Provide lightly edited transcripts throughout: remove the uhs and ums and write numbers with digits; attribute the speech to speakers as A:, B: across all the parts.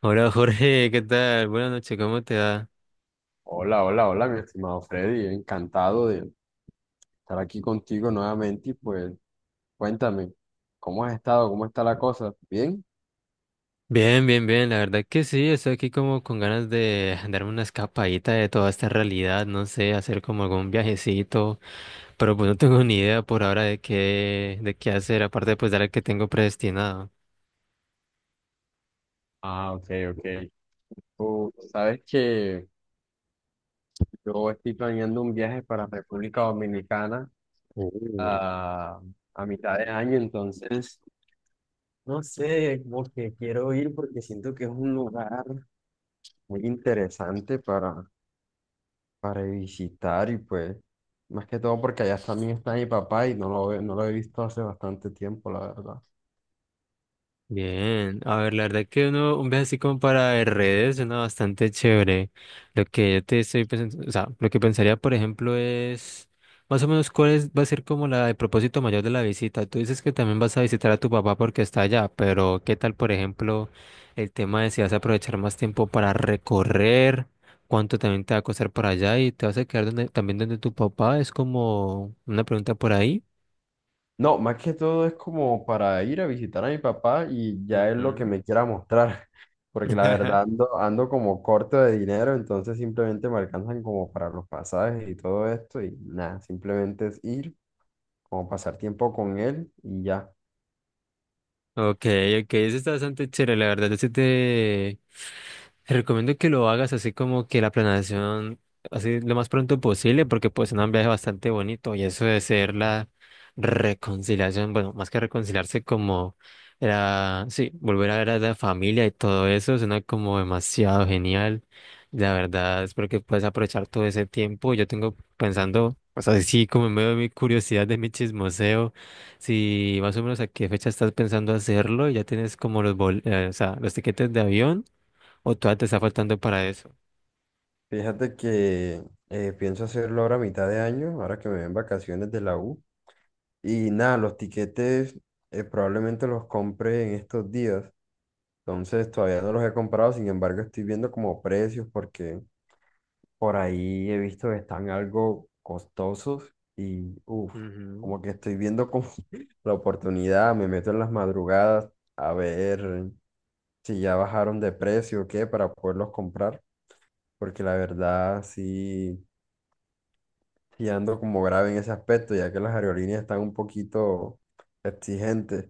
A: Hola Jorge, ¿qué tal? Buenas noches, ¿cómo te va?
B: Hola, hola, hola, mi estimado Freddy. Encantado de estar aquí contigo nuevamente y pues cuéntame, ¿cómo has estado? ¿Cómo está la cosa? ¿Bien?
A: Bien, bien, bien, la verdad que sí, estoy aquí como con ganas de darme una escapadita de toda esta realidad, no sé, hacer como algún viajecito, pero pues no tengo ni idea por ahora de qué hacer, aparte pues de la que tengo predestinado.
B: Ah, ok, ok. Tú sabes que yo estoy planeando un viaje para República Dominicana a, a mitad de año, entonces no sé, como que quiero ir porque siento que es un lugar muy interesante para visitar y pues, más que todo porque allá también está mi papá y no lo he visto hace bastante tiempo, la verdad.
A: Bien, a ver, la verdad que uno, un viaje así como para redes suena bastante chévere. Lo que yo te estoy pensando, o sea, lo que pensaría, por ejemplo, es más o menos va a ser como la, el propósito mayor de la visita. Tú dices que también vas a visitar a tu papá porque está allá, pero ¿qué tal, por ejemplo, el tema de si vas a aprovechar más tiempo para recorrer? ¿Cuánto también te va a costar por allá? ¿Y te vas a quedar donde, también donde tu papá? Es como una pregunta por ahí.
B: No, más que todo es como para ir a visitar a mi papá y ya es lo que
A: Ujú.
B: me quiera mostrar, porque la verdad ando como corto de dinero, entonces simplemente me alcanzan como para los pasajes y todo esto y nada, simplemente es ir, como pasar tiempo con él y ya.
A: Ok, ok, eso está bastante chévere, la verdad. Te recomiendo que lo hagas así como que la planeación, así lo más pronto posible, porque pues es un viaje bastante bonito y eso de ser la reconciliación, bueno, más que reconciliarse como era, sí, volver a ver a la familia y todo eso, suena como demasiado genial. La verdad, espero que puedas aprovechar todo ese tiempo. Yo tengo pensando, pues así como en medio de mi curiosidad, de mi chismoseo. Si más o menos a qué fecha estás pensando hacerlo, y ya tienes como o sea, los tiquetes de avión o todavía te está faltando para eso.
B: Fíjate que pienso hacerlo ahora a mitad de año, ahora que me ven vacaciones de la U. Y nada, los tiquetes probablemente los compre en estos días. Entonces todavía no los he comprado, sin embargo estoy viendo como precios porque por ahí he visto que están algo costosos y
A: Ujú.
B: como que estoy viendo como la oportunidad, me meto en las madrugadas a ver si ya bajaron de precio o qué para poderlos comprar, porque la verdad sí, sí ando como grave en ese aspecto, ya que las aerolíneas están un poquito exigentes.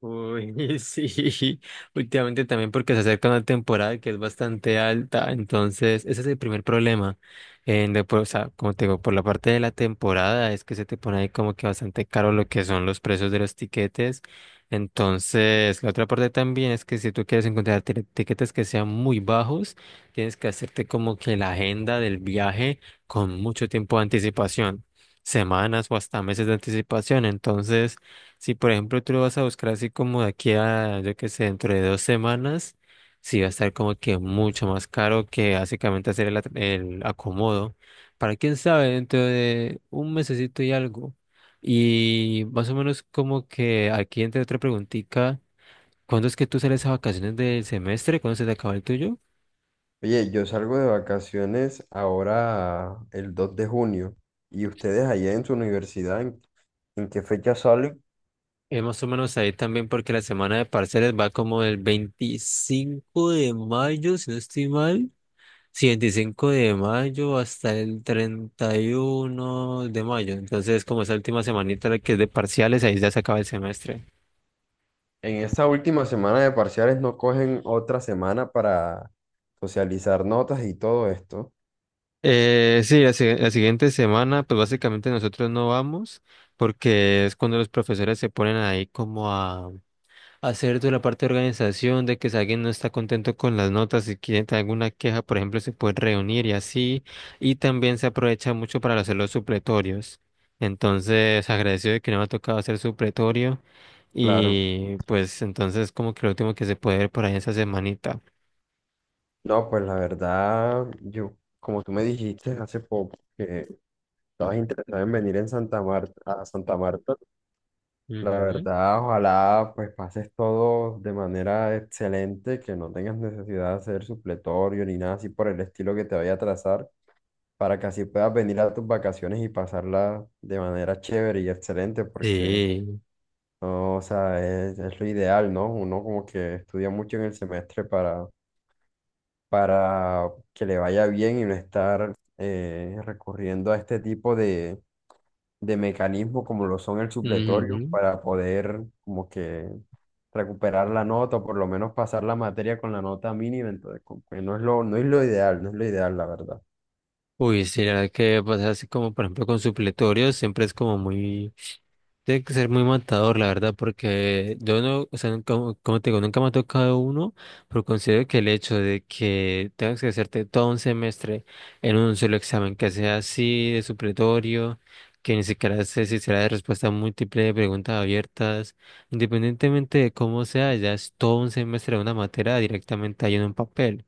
A: Uy, sí, últimamente también porque se acerca una temporada que es bastante alta, entonces ese es el primer problema. O sea, como te digo, por la parte de la temporada es que se te pone ahí como que bastante caro lo que son los precios de los tiquetes. Entonces, la otra parte también es que si tú quieres encontrar tiquetes que sean muy bajos, tienes que hacerte como que la agenda del viaje con mucho tiempo de anticipación, semanas o hasta meses de anticipación. Entonces, si por ejemplo tú lo vas a buscar así como de aquí a, yo qué sé, dentro de dos semanas, sí va a estar como que mucho más caro que básicamente hacer el acomodo. Para quién sabe, dentro de un mesecito y algo. Y más o menos como que aquí entre otra preguntita, ¿cuándo es que tú sales a vacaciones del semestre? ¿Cuándo se te acaba el tuyo?
B: Oye, yo salgo de vacaciones ahora el 2 de junio y ustedes allá en su universidad, ¿en qué fecha salen?
A: Es más o menos ahí también porque la semana de parciales va como del 25 de mayo, si no estoy mal. Sí, 25 de mayo hasta el 31 de mayo. Entonces, como esa última semanita la que es de parciales, ahí ya se acaba el semestre.
B: En esta última semana de parciales no cogen otra semana para socializar notas y todo esto.
A: Sí, la, si- la siguiente semana, pues básicamente nosotros no vamos porque es cuando los profesores se ponen ahí como a, hacer toda la parte de organización, de que si alguien no está contento con las notas y quiere tener alguna queja, por ejemplo, se puede reunir y así. Y también se aprovecha mucho para hacer los supletorios. Entonces, agradecido de que no me ha tocado hacer supletorio.
B: Claro.
A: Y pues entonces como que lo último que se puede ver por ahí esa semanita.
B: No, pues la verdad, yo, como tú me dijiste hace poco que estabas interesado en venir en Santa Marta, a Santa Marta. La
A: Ujú.
B: verdad, ojalá pues pases todo de manera excelente, que no tengas necesidad de hacer supletorio ni nada así por el estilo que te vaya a trazar, para que así puedas venir a tus vacaciones y pasarla de manera chévere y excelente, porque
A: Sí.
B: no, o sea, es lo ideal, ¿no? Uno como que estudia mucho en el semestre para que le vaya bien y no estar recurriendo a este tipo de mecanismos como lo son el supletorio
A: Ujú.
B: para poder como que recuperar la nota o por lo menos pasar la materia con la nota mínima, entonces como que no es lo ideal, no es lo ideal, la verdad.
A: Uy, sí, la verdad que pasa así como por ejemplo con supletorios, siempre es como muy. Tiene que ser muy matador, la verdad, porque yo no, o sea, como te digo, nunca me ha tocado uno, pero considero que el hecho de que tengas que hacerte todo un semestre en un solo examen, que sea así de supletorio, que ni siquiera sé si será de respuesta múltiple, de preguntas abiertas, independientemente de cómo sea, ya es todo un semestre de una materia directamente ahí en un papel,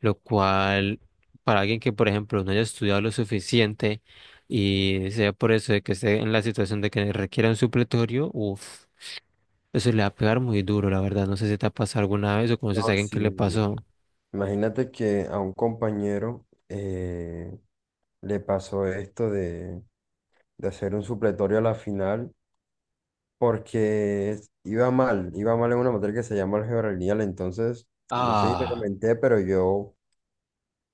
A: lo cual, para alguien que, por ejemplo, no haya estudiado lo suficiente y sea por eso de que esté en la situación de que requiera un supletorio, uff, eso le va a pegar muy duro, la verdad. No sé si te ha pasado alguna vez o conoces a
B: No,
A: alguien
B: sí.
A: que le
B: Sí.
A: pasó.
B: Imagínate que a un compañero le pasó esto de hacer un supletorio a la final porque iba mal en una materia que se llama álgebra lineal, entonces, no sé si te
A: Ah,
B: comenté, pero yo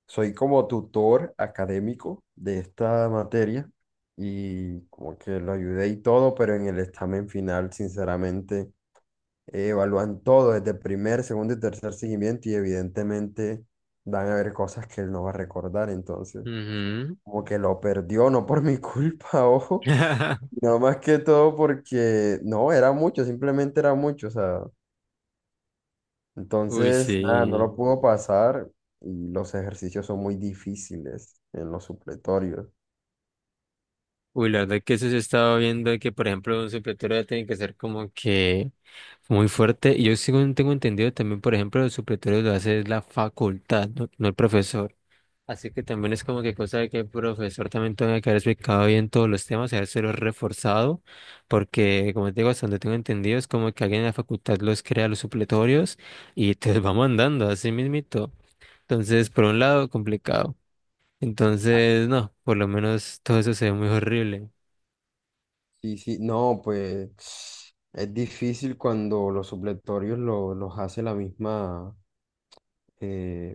B: soy como tutor académico de esta materia y como que lo ayudé y todo, pero en el examen final, sinceramente, evalúan todo desde el primer, segundo y tercer seguimiento y evidentemente van a haber cosas que él no va a recordar, entonces
A: ujú.
B: como que lo perdió, no por mi culpa, ojo, no más que todo porque no, era mucho, simplemente era mucho, o sea,
A: Uy,
B: entonces nada, no
A: sí.
B: lo pudo pasar y los ejercicios son muy difíciles en los supletorios.
A: Uy, la verdad que eso se estaba viendo de que, por ejemplo, un supletorio ya tiene que ser como que muy fuerte. Y yo según tengo entendido también, por ejemplo, el supletorio lo hace es la facultad, no, no el profesor. Así que también es como que cosa de que el profesor también tenga que haber explicado bien todos los temas, habérselo reforzado, porque como te digo, hasta donde tengo entendido, es como que alguien en la facultad los crea los supletorios y te los va mandando así mismito. Entonces, por un lado, complicado.
B: Ah,
A: Entonces, no, por lo menos todo eso se ve muy horrible.
B: sí, sí, no, pues es difícil cuando los hace la misma eh,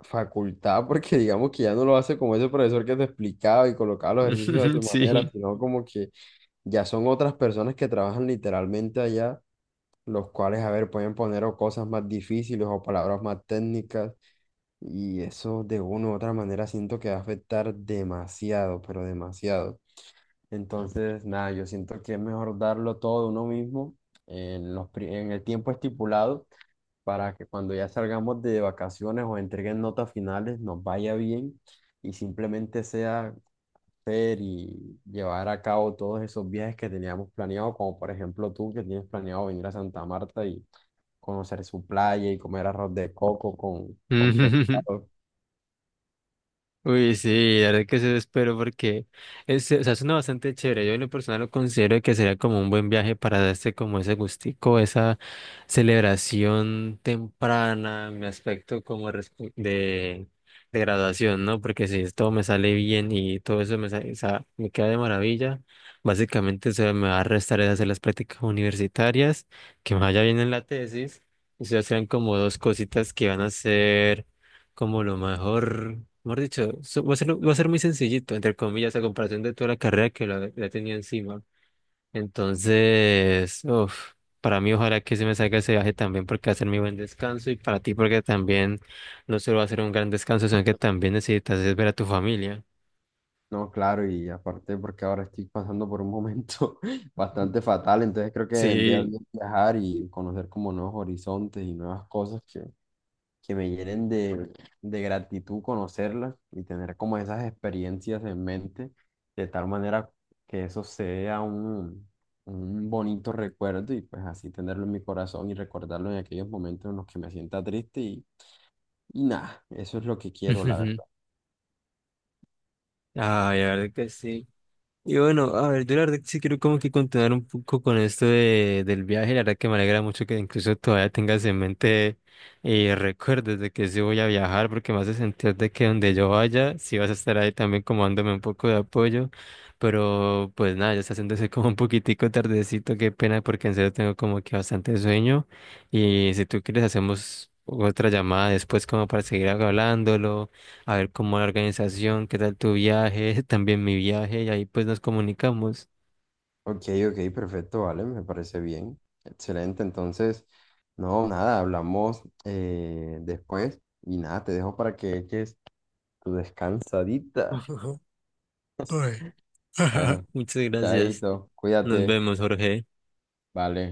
B: facultad, porque digamos que ya no lo hace como ese profesor que te explicaba y colocaba los ejercicios de su manera,
A: Sí.
B: sino como que ya son otras personas que trabajan literalmente allá, los cuales, a ver, pueden poner o cosas más difíciles o palabras más técnicas, y eso de una u otra manera siento que va a afectar demasiado, pero demasiado. Entonces, nada, yo siento que es mejor darlo todo de uno mismo en en el tiempo estipulado para que cuando ya salgamos de vacaciones o entreguen notas finales nos vaya bien y simplemente sea hacer y llevar a cabo todos esos viajes que teníamos planeado, como por ejemplo tú que tienes planeado venir a Santa Marta y conocer su playa y comer arroz de coco con pescado.
A: Uy, sí, la verdad que eso espero porque es, o sea, suena bastante chévere. Yo en lo personal lo considero que sería como un buen viaje para darse como ese gustico, esa celebración temprana, mi aspecto como de graduación, ¿no? Porque si todo me sale bien y todo eso o sea, me queda de maravilla, básicamente se me va a restar es hacer las prácticas universitarias, que me vaya bien en la tesis, y se serán como dos cositas que van a ser como lo mejor, mejor dicho, va a ser muy sencillito, entre comillas, a comparación de toda la carrera que la tenía encima. Entonces, uf, para mí ojalá que se me salga ese viaje también porque va a ser mi buen descanso y para ti porque también no solo va a ser un gran descanso, sino que también necesitas es ver a tu familia.
B: No, claro, y aparte porque ahora estoy pasando por un momento bastante fatal, entonces creo que vendría
A: Sí.
B: bien viajar y conocer como nuevos horizontes y nuevas cosas que me llenen de gratitud conocerlas y tener como esas experiencias en mente, de tal manera que eso sea un bonito recuerdo y pues así tenerlo en mi corazón y recordarlo en aquellos momentos en los que me sienta triste y nada, eso es lo que quiero, la verdad.
A: Ay, la verdad que sí. Y bueno, a ver, yo la verdad que sí quiero como que continuar un poco con esto del viaje, la verdad que me alegra mucho que incluso todavía tengas en mente recuerdos de que sí voy a viajar, porque me hace sentir de que donde yo vaya, sí vas a estar ahí también como dándome un poco de apoyo, pero pues nada, ya está haciéndose como un poquitico tardecito, qué pena, porque en serio tengo como que bastante sueño, y si tú quieres hacemos otra llamada después como para seguir hablándolo a ver cómo la organización, qué tal tu viaje, también mi viaje, y ahí pues nos comunicamos.
B: Ok, ok, perfecto, vale, me parece bien. Excelente, entonces, no, nada, hablamos después y nada, te dejo para que eches tu descansadita.
A: Ujú. Uy.
B: Bueno,
A: Muchas gracias.
B: chaito,
A: Nos
B: cuídate,
A: vemos, Jorge.
B: vale.